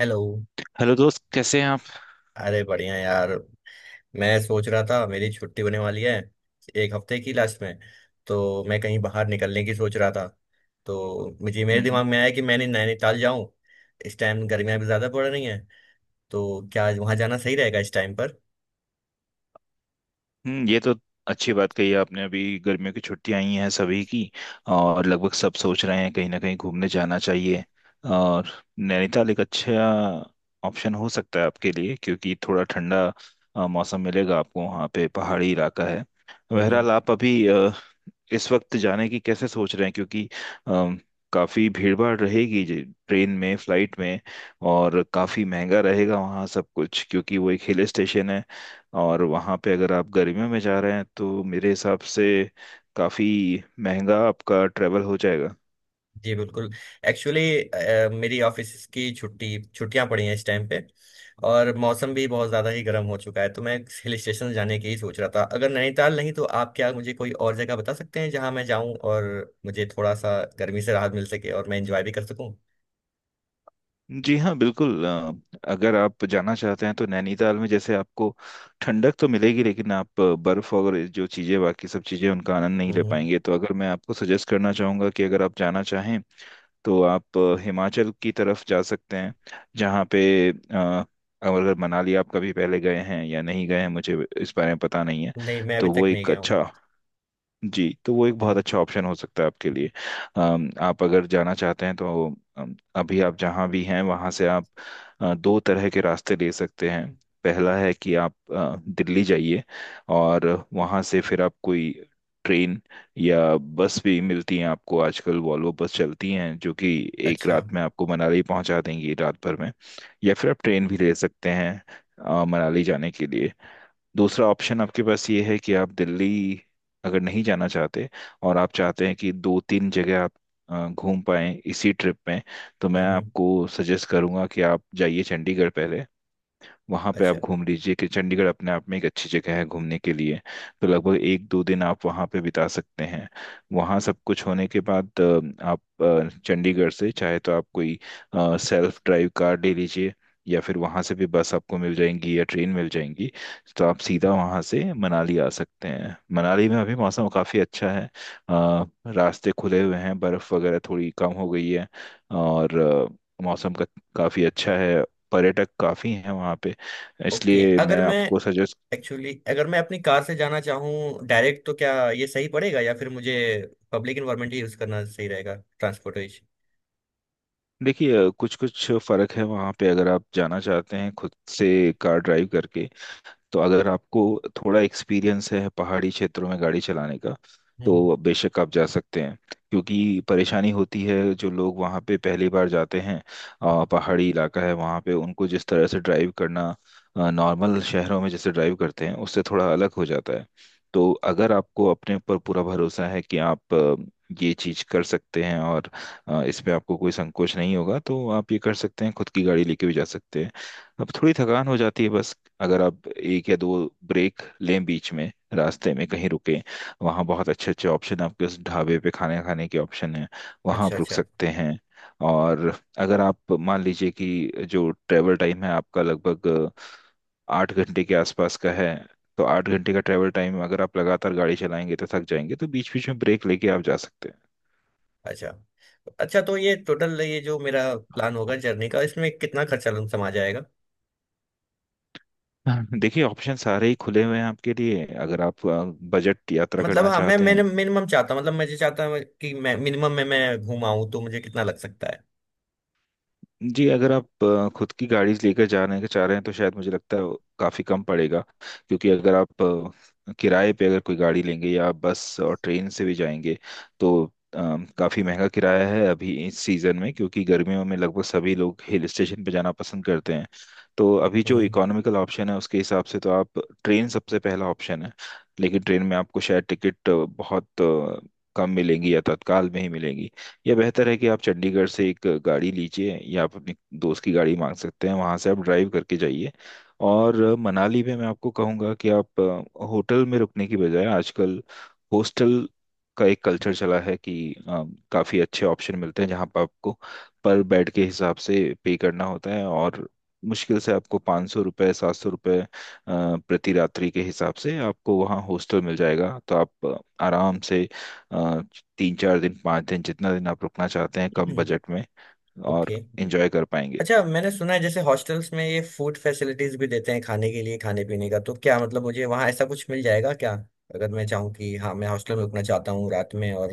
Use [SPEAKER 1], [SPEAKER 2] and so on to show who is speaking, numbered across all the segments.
[SPEAKER 1] Hello.
[SPEAKER 2] Hello दोस्त, कैसे हैं आप?
[SPEAKER 1] अरे बढ़िया यार। मैं सोच रहा था मेरी छुट्टी होने वाली है, 1 हफ्ते की लास्ट में, तो मैं कहीं बाहर निकलने की सोच रहा था। तो मुझे मेरे
[SPEAKER 2] हम्म
[SPEAKER 1] दिमाग में आया कि मैंने नैनीताल जाऊं। इस टाइम गर्मियां भी ज़्यादा पड़ रही हैं, तो क्या वहां जाना सही रहेगा इस टाइम
[SPEAKER 2] हम्म, ये तो अच्छी बात कही आपने। अभी गर्मियों की छुट्टियां आई हैं सभी की, और लगभग सब सोच रहे हैं कहीं ना कहीं घूमने जाना चाहिए। और नैनीताल एक अच्छा ऑप्शन हो सकता है आपके लिए, क्योंकि थोड़ा ठंडा मौसम मिलेगा आपको, वहाँ पे पहाड़ी इलाका है।
[SPEAKER 1] पर?
[SPEAKER 2] बहरहाल, आप अभी इस वक्त जाने की कैसे सोच रहे हैं, क्योंकि अम, काफी भीड़ भाड़ रहेगी, ट्रेन में, फ्लाइट में, और काफी महंगा रहेगा वहाँ सब कुछ, क्योंकि वो एक हिल स्टेशन है। और वहाँ पे अगर आप गर्मियों में जा रहे हैं, तो मेरे हिसाब से काफी महंगा आपका ट्रेवल हो जाएगा।
[SPEAKER 1] जी बिल्कुल। एक्चुअली मेरी ऑफिस की छुट्टी छुट्टियां पड़ी हैं इस टाइम पे, और मौसम भी बहुत ज़्यादा ही गर्म हो चुका है, तो मैं हिल स्टेशन जाने की ही सोच रहा था। अगर नैनीताल नहीं तो आप क्या मुझे कोई और जगह बता सकते हैं जहां मैं जाऊं और मुझे थोड़ा सा गर्मी से राहत मिल सके और मैं एंजॉय भी कर सकूं?
[SPEAKER 2] जी हाँ, बिल्कुल। अगर आप जाना चाहते हैं तो नैनीताल में जैसे आपको ठंडक तो मिलेगी, लेकिन आप बर्फ़ और ये जो चीज़ें, बाकी सब चीज़ें, उनका आनंद नहीं ले
[SPEAKER 1] हम्म।
[SPEAKER 2] पाएंगे। तो अगर मैं आपको सजेस्ट करना चाहूँगा कि अगर आप जाना चाहें तो आप हिमाचल की तरफ जा सकते हैं, जहाँ पे अगर मनाली आप कभी पहले गए हैं या नहीं गए हैं, मुझे इस बारे में पता नहीं है।
[SPEAKER 1] नहीं, मैं अभी
[SPEAKER 2] तो वो
[SPEAKER 1] तक नहीं
[SPEAKER 2] एक
[SPEAKER 1] गया हूँ।
[SPEAKER 2] अच्छा, जी तो वो एक बहुत
[SPEAKER 1] हम्म,
[SPEAKER 2] अच्छा ऑप्शन हो सकता है आपके लिए। आप अगर जाना चाहते हैं तो अभी आप जहाँ भी हैं वहाँ से आप दो तरह के रास्ते ले सकते हैं। पहला है कि आप दिल्ली जाइए, और वहाँ से फिर आप कोई ट्रेन या बस भी मिलती है आपको, आजकल वॉल्वो बस चलती हैं जो कि एक
[SPEAKER 1] अच्छा।
[SPEAKER 2] रात में आपको मनाली पहुँचा देंगी, रात भर में। या फिर आप ट्रेन भी ले सकते हैं मनाली जाने के लिए। दूसरा ऑप्शन आपके पास ये है कि आप दिल्ली अगर नहीं जाना चाहते, और आप चाहते हैं कि दो तीन जगह आप घूम पाएं इसी ट्रिप में, तो मैं
[SPEAKER 1] हम्म।
[SPEAKER 2] आपको सजेस्ट करूंगा कि आप जाइए चंडीगढ़ पहले। वहाँ पे आप
[SPEAKER 1] अच्छा,
[SPEAKER 2] घूम लीजिए, कि चंडीगढ़ अपने आप में एक अच्छी जगह है घूमने के लिए। तो लगभग एक दो दिन आप वहाँ पे बिता सकते हैं। वहाँ सब कुछ होने के बाद आप चंडीगढ़ से, चाहे तो आप कोई सेल्फ ड्राइव कार ले लीजिए, या फिर वहाँ से भी बस आपको मिल जाएंगी या ट्रेन मिल जाएंगी। तो आप सीधा वहाँ से मनाली आ सकते हैं। मनाली में अभी मौसम काफ़ी अच्छा है, अ, रास्ते खुले हुए हैं, बर्फ़ वगैरह थोड़ी कम हो गई है, और मौसम का काफ़ी अच्छा है, पर्यटक काफ़ी हैं वहाँ पे।
[SPEAKER 1] ओके।
[SPEAKER 2] इसलिए
[SPEAKER 1] अगर
[SPEAKER 2] मैं
[SPEAKER 1] मैं,
[SPEAKER 2] आपको सजेस्ट,
[SPEAKER 1] एक्चुअली अगर मैं अपनी कार से जाना चाहूँ डायरेक्ट तो क्या ये सही पड़ेगा या फिर मुझे पब्लिक इन्वायरमेंट ही यूज़ करना सही रहेगा, ट्रांसपोर्टेशन?
[SPEAKER 2] देखिए कुछ कुछ फर्क है वहाँ पे। अगर आप जाना चाहते हैं खुद से कार ड्राइव करके, तो अगर आपको थोड़ा एक्सपीरियंस है पहाड़ी क्षेत्रों में गाड़ी चलाने का,
[SPEAKER 1] हम्म।
[SPEAKER 2] तो बेशक आप जा सकते हैं। क्योंकि परेशानी होती है जो लोग वहाँ पे पहली बार जाते हैं, पहाड़ी इलाका है वहाँ पे, उनको जिस तरह से ड्राइव करना नॉर्मल शहरों में जैसे ड्राइव करते हैं, उससे थोड़ा अलग हो जाता है। तो अगर आपको अपने ऊपर पूरा भरोसा है कि आप ये चीज कर सकते हैं, और इसमें आपको कोई संकोच नहीं होगा, तो आप ये कर सकते हैं, खुद की गाड़ी लेके भी जा सकते हैं। अब थोड़ी थकान हो जाती है बस। अगर आप एक या दो ब्रेक लें, बीच में रास्ते में कहीं रुकें, वहाँ बहुत अच्छे अच्छे ऑप्शन हैं आपके, उस ढाबे पे खाने खाने के ऑप्शन हैं, वहाँ
[SPEAKER 1] अच्छा
[SPEAKER 2] आप रुक
[SPEAKER 1] अच्छा।
[SPEAKER 2] सकते हैं। और अगर आप मान लीजिए कि जो ट्रैवल टाइम है आपका, लगभग आठ घंटे के आसपास का है, तो आठ घंटे का ट्रैवल टाइम अगर आप लगातार गाड़ी चलाएंगे तो थक जाएंगे, तो बीच बीच में ब्रेक लेके आप जा सकते हैं।
[SPEAKER 1] अच्छा अच्छा। तो ये टोटल, ये जो मेरा प्लान होगा जर्नी का, इसमें कितना खर्चा समा जाएगा?
[SPEAKER 2] हाँ, देखिए ऑप्शन सारे ही खुले हुए हैं आपके लिए। अगर आप बजट यात्रा
[SPEAKER 1] मतलब
[SPEAKER 2] करना
[SPEAKER 1] हाँ, मैं
[SPEAKER 2] चाहते हैं,
[SPEAKER 1] मैंने मिनिमम चाहता हूँ, मतलब मुझे चाहता हूँ कि मैं मिनिमम में मैं घूम आऊँ, तो मुझे कितना लग सकता है?
[SPEAKER 2] जी अगर आप खुद की गाड़ी लेकर जाने के चाह रहे हैं, तो शायद मुझे लगता है वो काफ़ी कम पड़ेगा। क्योंकि अगर आप किराए पे अगर कोई गाड़ी लेंगे, या आप बस और ट्रेन से भी जाएंगे, तो काफ़ी महंगा किराया है अभी इस सीज़न में, क्योंकि गर्मियों में लगभग सभी लोग हिल स्टेशन पे जाना पसंद करते हैं। तो अभी जो
[SPEAKER 1] हम्म।
[SPEAKER 2] इकोनॉमिकल ऑप्शन है उसके हिसाब से तो आप, ट्रेन सबसे पहला ऑप्शन है। लेकिन ट्रेन में आपको शायद टिकट बहुत कम मिलेंगी, या तत्काल में ही मिलेंगी। या बेहतर है कि आप चंडीगढ़ से एक गाड़ी लीजिए, या आप अपने दोस्त की गाड़ी मांग सकते हैं, वहां से आप ड्राइव करके जाइए। और मनाली में मैं आपको कहूँगा कि आप होटल में रुकने की बजाय, आजकल हॉस्टल का एक कल्चर चला है कि काफी अच्छे ऑप्शन मिलते हैं, जहाँ पर आपको पर बेड के हिसाब से पे करना होता है, और मुश्किल से आपको पाँच सौ रुपये, सात सौ रुपये प्रति रात्रि के हिसाब से आपको वहाँ हॉस्टल मिल जाएगा। तो आप आराम से तीन चार दिन, पाँच दिन, जितना दिन आप रुकना चाहते हैं, कम बजट में, और
[SPEAKER 1] ओके।
[SPEAKER 2] इंजॉय कर पाएंगे।
[SPEAKER 1] अच्छा, मैंने सुना है जैसे हॉस्टल्स में ये फूड फैसिलिटीज भी देते हैं खाने के लिए, खाने पीने का, तो क्या, मतलब मुझे वहाँ ऐसा कुछ मिल जाएगा क्या? अगर मैं चाहूँ कि हाँ मैं हॉस्टल में रुकना चाहता हूँ रात में, और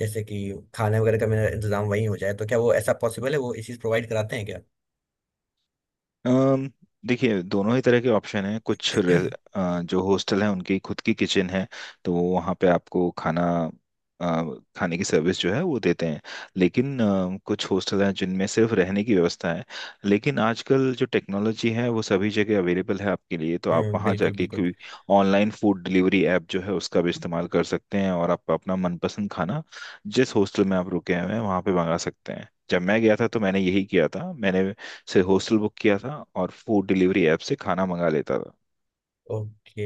[SPEAKER 1] जैसे कि खाने वगैरह का मेरा इंतजाम वहीं हो जाए, तो क्या वो ऐसा पॉसिबल है, वो इसी प्रोवाइड कराते हैं क्या?
[SPEAKER 2] अम, देखिए दोनों ही तरह के ऑप्शन हैं। कुछ जो हॉस्टल हैं, उनकी खुद की किचन है, तो वो वहाँ पे आपको खाना, अ, खाने की सर्विस जो है वो देते हैं। लेकिन कुछ हॉस्टल हैं जिनमें सिर्फ रहने की व्यवस्था है। लेकिन आजकल जो टेक्नोलॉजी है वो सभी जगह अवेलेबल है आपके लिए, तो आप
[SPEAKER 1] हम्म,
[SPEAKER 2] वहाँ
[SPEAKER 1] बिल्कुल
[SPEAKER 2] जाके
[SPEAKER 1] बिल्कुल
[SPEAKER 2] कोई ऑनलाइन फूड डिलीवरी ऐप जो है उसका भी इस्तेमाल कर सकते हैं, और आप अपना मनपसंद खाना जिस हॉस्टल में आप रुके हुए हैं वहाँ पे मंगा सकते हैं। जब मैं गया था तो मैंने यही किया था, मैंने से हॉस्टल बुक किया था और फूड डिलीवरी ऐप से खाना मंगा लेता था।
[SPEAKER 1] ओके।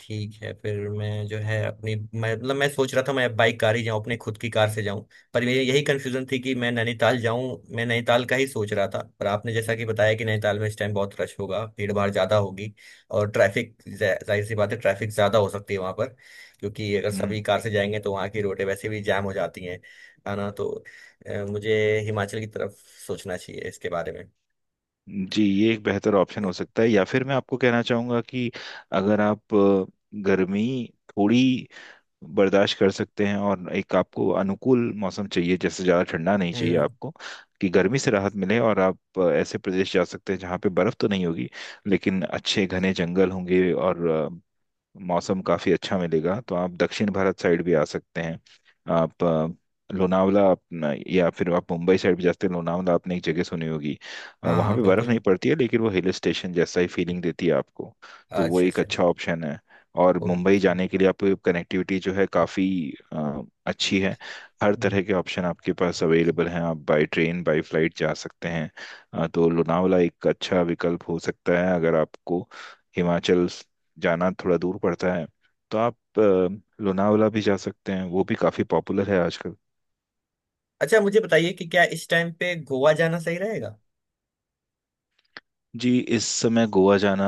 [SPEAKER 1] ठीक है, फिर मैं जो है अपनी, मैं मतलब मैं सोच रहा था मैं बाइक कार ही जाऊं, अपने खुद की कार से जाऊं। पर मेरी यही कंफ्यूजन थी कि मैं नैनीताल जाऊं, मैं नैनीताल का ही सोच रहा था, पर आपने जैसा कि बताया कि नैनीताल में इस टाइम बहुत रश होगा, भीड़ भाड़ ज्यादा होगी, और ट्रैफिक जाहिर सी बात है ट्रैफिक ज्यादा हो सकती है वहां पर, क्योंकि अगर सभी
[SPEAKER 2] हम्म,
[SPEAKER 1] कार से जाएंगे तो वहां की रोडें वैसे भी जैम हो जाती हैं। है ना? तो मुझे हिमाचल की तरफ सोचना चाहिए इसके बारे में।
[SPEAKER 2] जी ये एक बेहतर ऑप्शन हो सकता है। या फिर मैं आपको कहना चाहूँगा कि अगर आप गर्मी थोड़ी बर्दाश्त कर सकते हैं, और एक आपको अनुकूल मौसम चाहिए, जैसे ज़्यादा ठंडा नहीं चाहिए
[SPEAKER 1] हम्म।
[SPEAKER 2] आपको, कि गर्मी से राहत मिले, और आप ऐसे प्रदेश जा सकते हैं जहाँ पे बर्फ़ तो नहीं होगी, लेकिन अच्छे घने जंगल होंगे और मौसम काफ़ी अच्छा मिलेगा। तो आप दक्षिण भारत साइड भी आ सकते हैं। आप अ, लोनावला, अपना- या फिर आप मुंबई साइड भी जा सकते हैं। लोनावला आपने एक जगह सुनी होगी,
[SPEAKER 1] हाँ
[SPEAKER 2] वहाँ
[SPEAKER 1] हाँ,
[SPEAKER 2] पे बर्फ़ नहीं
[SPEAKER 1] बिल्कुल।
[SPEAKER 2] पड़ती है लेकिन वो हिल स्टेशन जैसा ही फीलिंग देती है आपको। तो वो
[SPEAKER 1] अच्छा
[SPEAKER 2] एक
[SPEAKER 1] अच्छा।
[SPEAKER 2] अच्छा ऑप्शन है। और मुंबई
[SPEAKER 1] ओके।
[SPEAKER 2] जाने के लिए आपको कनेक्टिविटी जो है, काफ़ी अच्छी है। हर
[SPEAKER 1] हम्म।
[SPEAKER 2] तरह के ऑप्शन आपके पास अवेलेबल हैं, आप बाई ट्रेन, बाई फ्लाइट जा सकते हैं। तो लोनावला एक अच्छा विकल्प हो सकता है। अगर आपको हिमाचल जाना थोड़ा दूर पड़ता है, तो आप लोनावला भी जा सकते हैं, वो भी काफ़ी पॉपुलर है आजकल।
[SPEAKER 1] अच्छा, मुझे बताइए कि क्या इस टाइम पे गोवा जाना सही रहेगा?
[SPEAKER 2] जी इस समय गोवा जाना,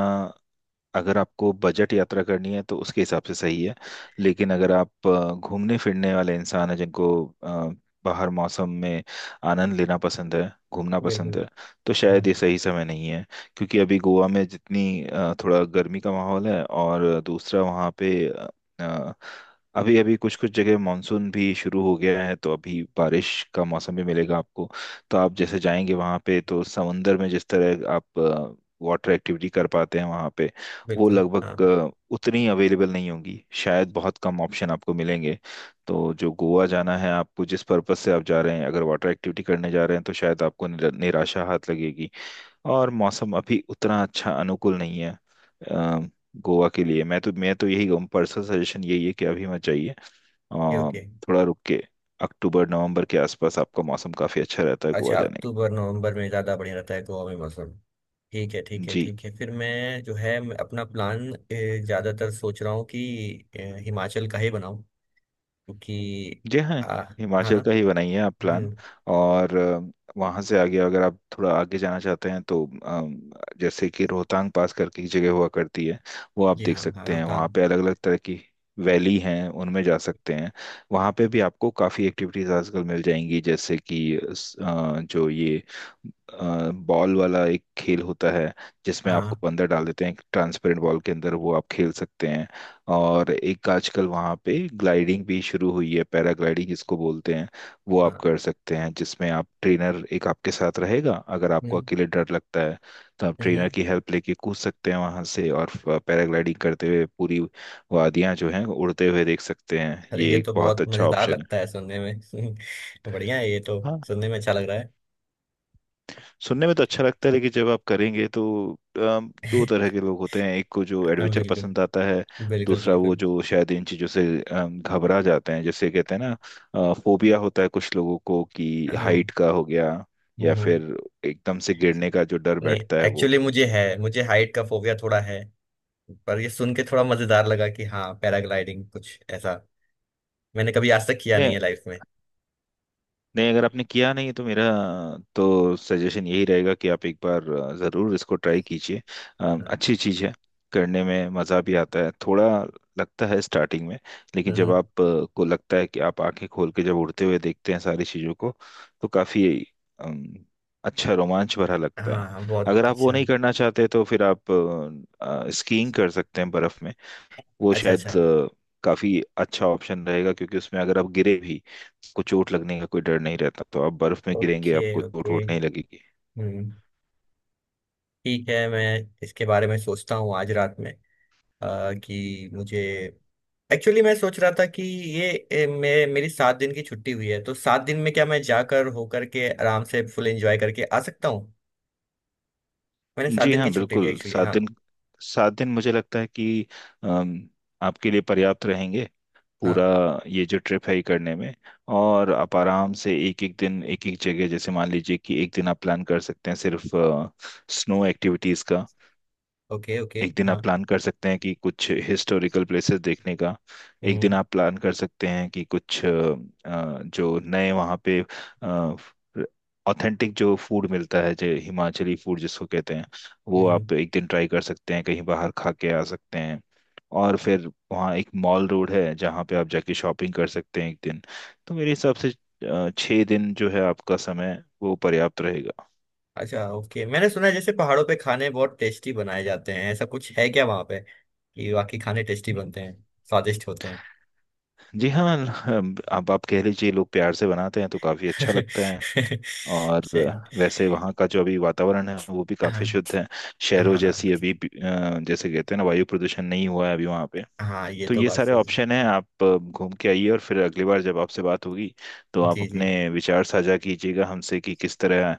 [SPEAKER 2] अगर आपको बजट यात्रा करनी है तो उसके हिसाब से सही है। लेकिन अगर आप घूमने फिरने वाले इंसान हैं, जिनको अ, बाहर मौसम में आनंद लेना पसंद है, घूमना
[SPEAKER 1] बिल्कुल।
[SPEAKER 2] पसंद है, तो
[SPEAKER 1] हाँ।
[SPEAKER 2] शायद ये सही समय नहीं है। क्योंकि अभी गोवा में जितनी थोड़ा गर्मी का माहौल है, और दूसरा वहाँ पे अभी अभी कुछ कुछ जगह मानसून भी शुरू हो गया है, तो अभी बारिश का मौसम भी मिलेगा आपको। तो आप जैसे जाएंगे वहाँ पे, तो समंदर में जिस तरह आप वाटर एक्टिविटी कर पाते हैं वहाँ पे, वो
[SPEAKER 1] बिल्कुल हाँ।
[SPEAKER 2] लगभग
[SPEAKER 1] ओके
[SPEAKER 2] उतनी अवेलेबल नहीं होंगी, शायद बहुत कम ऑप्शन आपको मिलेंगे। तो जो गोवा जाना है आपको, जिस पर्पस से आप जा रहे हैं, अगर वाटर एक्टिविटी करने जा रहे हैं तो शायद आपको निराशा हाथ लगेगी। और मौसम अभी उतना अच्छा अनुकूल नहीं है अ, गोवा के लिए। मैं तो यही कहूँ, पर्सनल सजेशन यही है कि अभी मत जाइए।
[SPEAKER 1] ओके।
[SPEAKER 2] थोड़ा रुक के अक्टूबर नवंबर के आसपास आपका मौसम काफी अच्छा रहता है गोवा
[SPEAKER 1] अच्छा,
[SPEAKER 2] जाने का।
[SPEAKER 1] अक्टूबर नवंबर में ज़्यादा बढ़िया रहता है गोवा में मौसम? ठीक है ठीक है
[SPEAKER 2] जी,
[SPEAKER 1] ठीक है, फिर मैं जो है मैं अपना प्लान ज़्यादातर सोच रहा हूँ कि हिमाचल का ही बनाऊँ। क्योंकि
[SPEAKER 2] जी हाँ,
[SPEAKER 1] आ, हाँ ना।
[SPEAKER 2] हिमाचल का ही बनाइए आप प्लान।
[SPEAKER 1] हम्म।
[SPEAKER 2] और वहां से आगे अगर आप थोड़ा आगे जाना चाहते हैं तो जैसे कि रोहतांग पास करके एक जगह हुआ करती है, वो आप
[SPEAKER 1] जी
[SPEAKER 2] देख
[SPEAKER 1] हाँ हाँ,
[SPEAKER 2] सकते हैं।
[SPEAKER 1] रोहतांग।
[SPEAKER 2] वहाँ पे अलग अलग तरह की वैली हैं, उनमें जा सकते हैं। वहाँ पे भी आपको काफ़ी एक्टिविटीज आजकल मिल जाएंगी, जैसे कि जो ये बॉल वाला एक खेल होता है जिसमें
[SPEAKER 1] हाँ।
[SPEAKER 2] आपको अंदर डाल देते हैं एक ट्रांसपेरेंट बॉल के अंदर, वो आप खेल सकते हैं। और एक आजकल वहाँ पे ग्लाइडिंग भी शुरू हुई है, पैराग्लाइडिंग जिसको बोलते हैं, वो आप
[SPEAKER 1] हाँ।
[SPEAKER 2] कर सकते हैं, जिसमें आप ट्रेनर एक आपके साथ रहेगा अगर आपको
[SPEAKER 1] हम्म।
[SPEAKER 2] अकेले डर लगता है। तो आप
[SPEAKER 1] हम्म
[SPEAKER 2] ट्रेनर
[SPEAKER 1] हम्म।
[SPEAKER 2] की हेल्प लेके कूद सकते हैं वहाँ से, और पैराग्लाइडिंग करते हुए पूरी वादियाँ जो हैं उड़ते हुए देख सकते हैं,
[SPEAKER 1] अरे
[SPEAKER 2] ये
[SPEAKER 1] ये
[SPEAKER 2] एक
[SPEAKER 1] तो
[SPEAKER 2] बहुत
[SPEAKER 1] बहुत
[SPEAKER 2] अच्छा
[SPEAKER 1] मज़ेदार
[SPEAKER 2] ऑप्शन
[SPEAKER 1] लगता है सुनने में। बढ़िया है ये तो।
[SPEAKER 2] है।
[SPEAKER 1] सुनने में अच्छा लग रहा है।
[SPEAKER 2] सुनने में तो अच्छा लगता है, लेकिन जब आप करेंगे तो, दो तरह के लोग होते हैं, एक को जो
[SPEAKER 1] हाँ,
[SPEAKER 2] एडवेंचर
[SPEAKER 1] बिल्कुल।
[SPEAKER 2] पसंद आता है,
[SPEAKER 1] बिल्कुल
[SPEAKER 2] दूसरा वो
[SPEAKER 1] बिल्कुल
[SPEAKER 2] जो शायद इन चीज़ों से घबरा जाते हैं। जैसे कहते हैं ना फोबिया होता है कुछ लोगों को, कि
[SPEAKER 1] हाँ।
[SPEAKER 2] हाइट का हो गया,
[SPEAKER 1] हम्म,
[SPEAKER 2] या
[SPEAKER 1] हम्म।
[SPEAKER 2] फिर एकदम से गिरने का जो डर
[SPEAKER 1] नहीं,
[SPEAKER 2] बैठता है वो।
[SPEAKER 1] एक्चुअली मुझे है, मुझे हाइट का फोबिया थोड़ा है। पर ये सुन के थोड़ा मजेदार लगा कि हाँ, पैराग्लाइडिंग कुछ ऐसा मैंने कभी आज तक किया नहीं है लाइफ में।
[SPEAKER 2] नहीं, अगर आपने किया नहीं तो मेरा तो सजेशन यही रहेगा कि आप एक बार ज़रूर इसको ट्राई कीजिए।
[SPEAKER 1] हाँ।
[SPEAKER 2] अच्छी चीज़ है, करने में मज़ा भी आता है, थोड़ा लगता है स्टार्टिंग में, लेकिन
[SPEAKER 1] हम्म,
[SPEAKER 2] जब
[SPEAKER 1] हम्म।
[SPEAKER 2] आप को लगता है कि आप आंखें खोल के जब उड़ते हुए देखते हैं सारी चीज़ों को, तो काफ़ी अम, अच्छा रोमांच भरा लगता है।
[SPEAKER 1] हाँ हाँ, बहुत
[SPEAKER 2] अगर आप वो
[SPEAKER 1] अच्छा।
[SPEAKER 2] नहीं करना चाहते तो फिर आप स्कीइंग कर सकते हैं बर्फ़ में, वो
[SPEAKER 1] अच्छा
[SPEAKER 2] शायद
[SPEAKER 1] अच्छा।
[SPEAKER 2] काफी अच्छा ऑप्शन रहेगा, क्योंकि उसमें अगर आप गिरे भी, आपको चोट लगने का कोई डर नहीं रहता, तो आप बर्फ में गिरेंगे
[SPEAKER 1] ओके
[SPEAKER 2] आपको चोट
[SPEAKER 1] ओके।
[SPEAKER 2] वोट नहीं लगेगी।
[SPEAKER 1] हम्म। ठीक है, मैं इसके बारे में सोचता हूँ आज रात में। कि मुझे, एक्चुअली मैं सोच रहा था कि ये मेरी 7 दिन की छुट्टी हुई है, तो 7 दिन में क्या मैं जाकर होकर के आराम से फुल एंजॉय करके आ सकता? मैंने सात
[SPEAKER 2] जी
[SPEAKER 1] दिन की
[SPEAKER 2] हाँ,
[SPEAKER 1] छुट्टी ली
[SPEAKER 2] बिल्कुल।
[SPEAKER 1] एक्चुअली,
[SPEAKER 2] सात
[SPEAKER 1] हाँ।
[SPEAKER 2] दिन, सात दिन मुझे लगता है कि अम, आपके लिए पर्याप्त रहेंगे, पूरा
[SPEAKER 1] हाँ।
[SPEAKER 2] ये जो ट्रिप है ये करने में। और आप आराम से एक एक दिन एक एक जगह, जैसे मान लीजिए कि एक दिन आप प्लान कर सकते हैं सिर्फ स्नो एक्टिविटीज का,
[SPEAKER 1] ओके ओके।
[SPEAKER 2] एक दिन आप
[SPEAKER 1] हाँ।
[SPEAKER 2] प्लान कर सकते हैं कि कुछ हिस्टोरिकल प्लेसेस देखने का, एक दिन
[SPEAKER 1] हम्म
[SPEAKER 2] आप प्लान कर सकते हैं कि कुछ जो नए वहाँ पे ऑथेंटिक जो फूड मिलता है, जो हिमाचली फूड जिसको कहते हैं, वो
[SPEAKER 1] हम्म।
[SPEAKER 2] आप एक दिन ट्राई कर सकते हैं, कहीं बाहर खा के आ सकते हैं। और फिर वहाँ एक मॉल रोड है जहाँ पे आप जाके शॉपिंग कर सकते हैं एक दिन। तो मेरे हिसाब से छः दिन जो है आपका समय वो पर्याप्त रहेगा।
[SPEAKER 1] अच्छा ओके, मैंने सुना है जैसे पहाड़ों पे खाने बहुत टेस्टी बनाए जाते हैं, ऐसा कुछ है क्या वहाँ पे कि वाकई खाने टेस्टी बनते हैं, स्वादिष्ट होते हैं?
[SPEAKER 2] जी हाँ, आप कह लीजिए, लोग प्यार से बनाते हैं तो काफी अच्छा लगता है। और
[SPEAKER 1] चल।
[SPEAKER 2] वैसे वहाँ का जो अभी वातावरण है वो भी काफी
[SPEAKER 1] हाँ
[SPEAKER 2] शुद्ध है, शहरों
[SPEAKER 1] हाँ।
[SPEAKER 2] जैसी अभी जैसे कहते हैं ना, वायु प्रदूषण नहीं हुआ है अभी वहाँ पे।
[SPEAKER 1] हाँ, ये
[SPEAKER 2] तो
[SPEAKER 1] तो
[SPEAKER 2] ये
[SPEAKER 1] बात
[SPEAKER 2] सारे
[SPEAKER 1] सही है।
[SPEAKER 2] ऑप्शन हैं, आप घूम के आइए, और फिर अगली बार जब आपसे बात होगी तो आप
[SPEAKER 1] जी जी।
[SPEAKER 2] अपने विचार साझा कीजिएगा हमसे कि किस तरह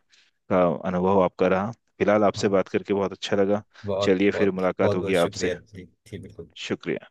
[SPEAKER 2] का अनुभव आपका रहा। फिलहाल आपसे
[SPEAKER 1] हाँ,
[SPEAKER 2] बात करके बहुत अच्छा लगा।
[SPEAKER 1] बहुत
[SPEAKER 2] चलिए, फिर
[SPEAKER 1] बहुत।
[SPEAKER 2] मुलाकात
[SPEAKER 1] बहुत बहुत
[SPEAKER 2] होगी आपसे।
[SPEAKER 1] शुक्रिया जी। जी बिल्कुल।
[SPEAKER 2] शुक्रिया।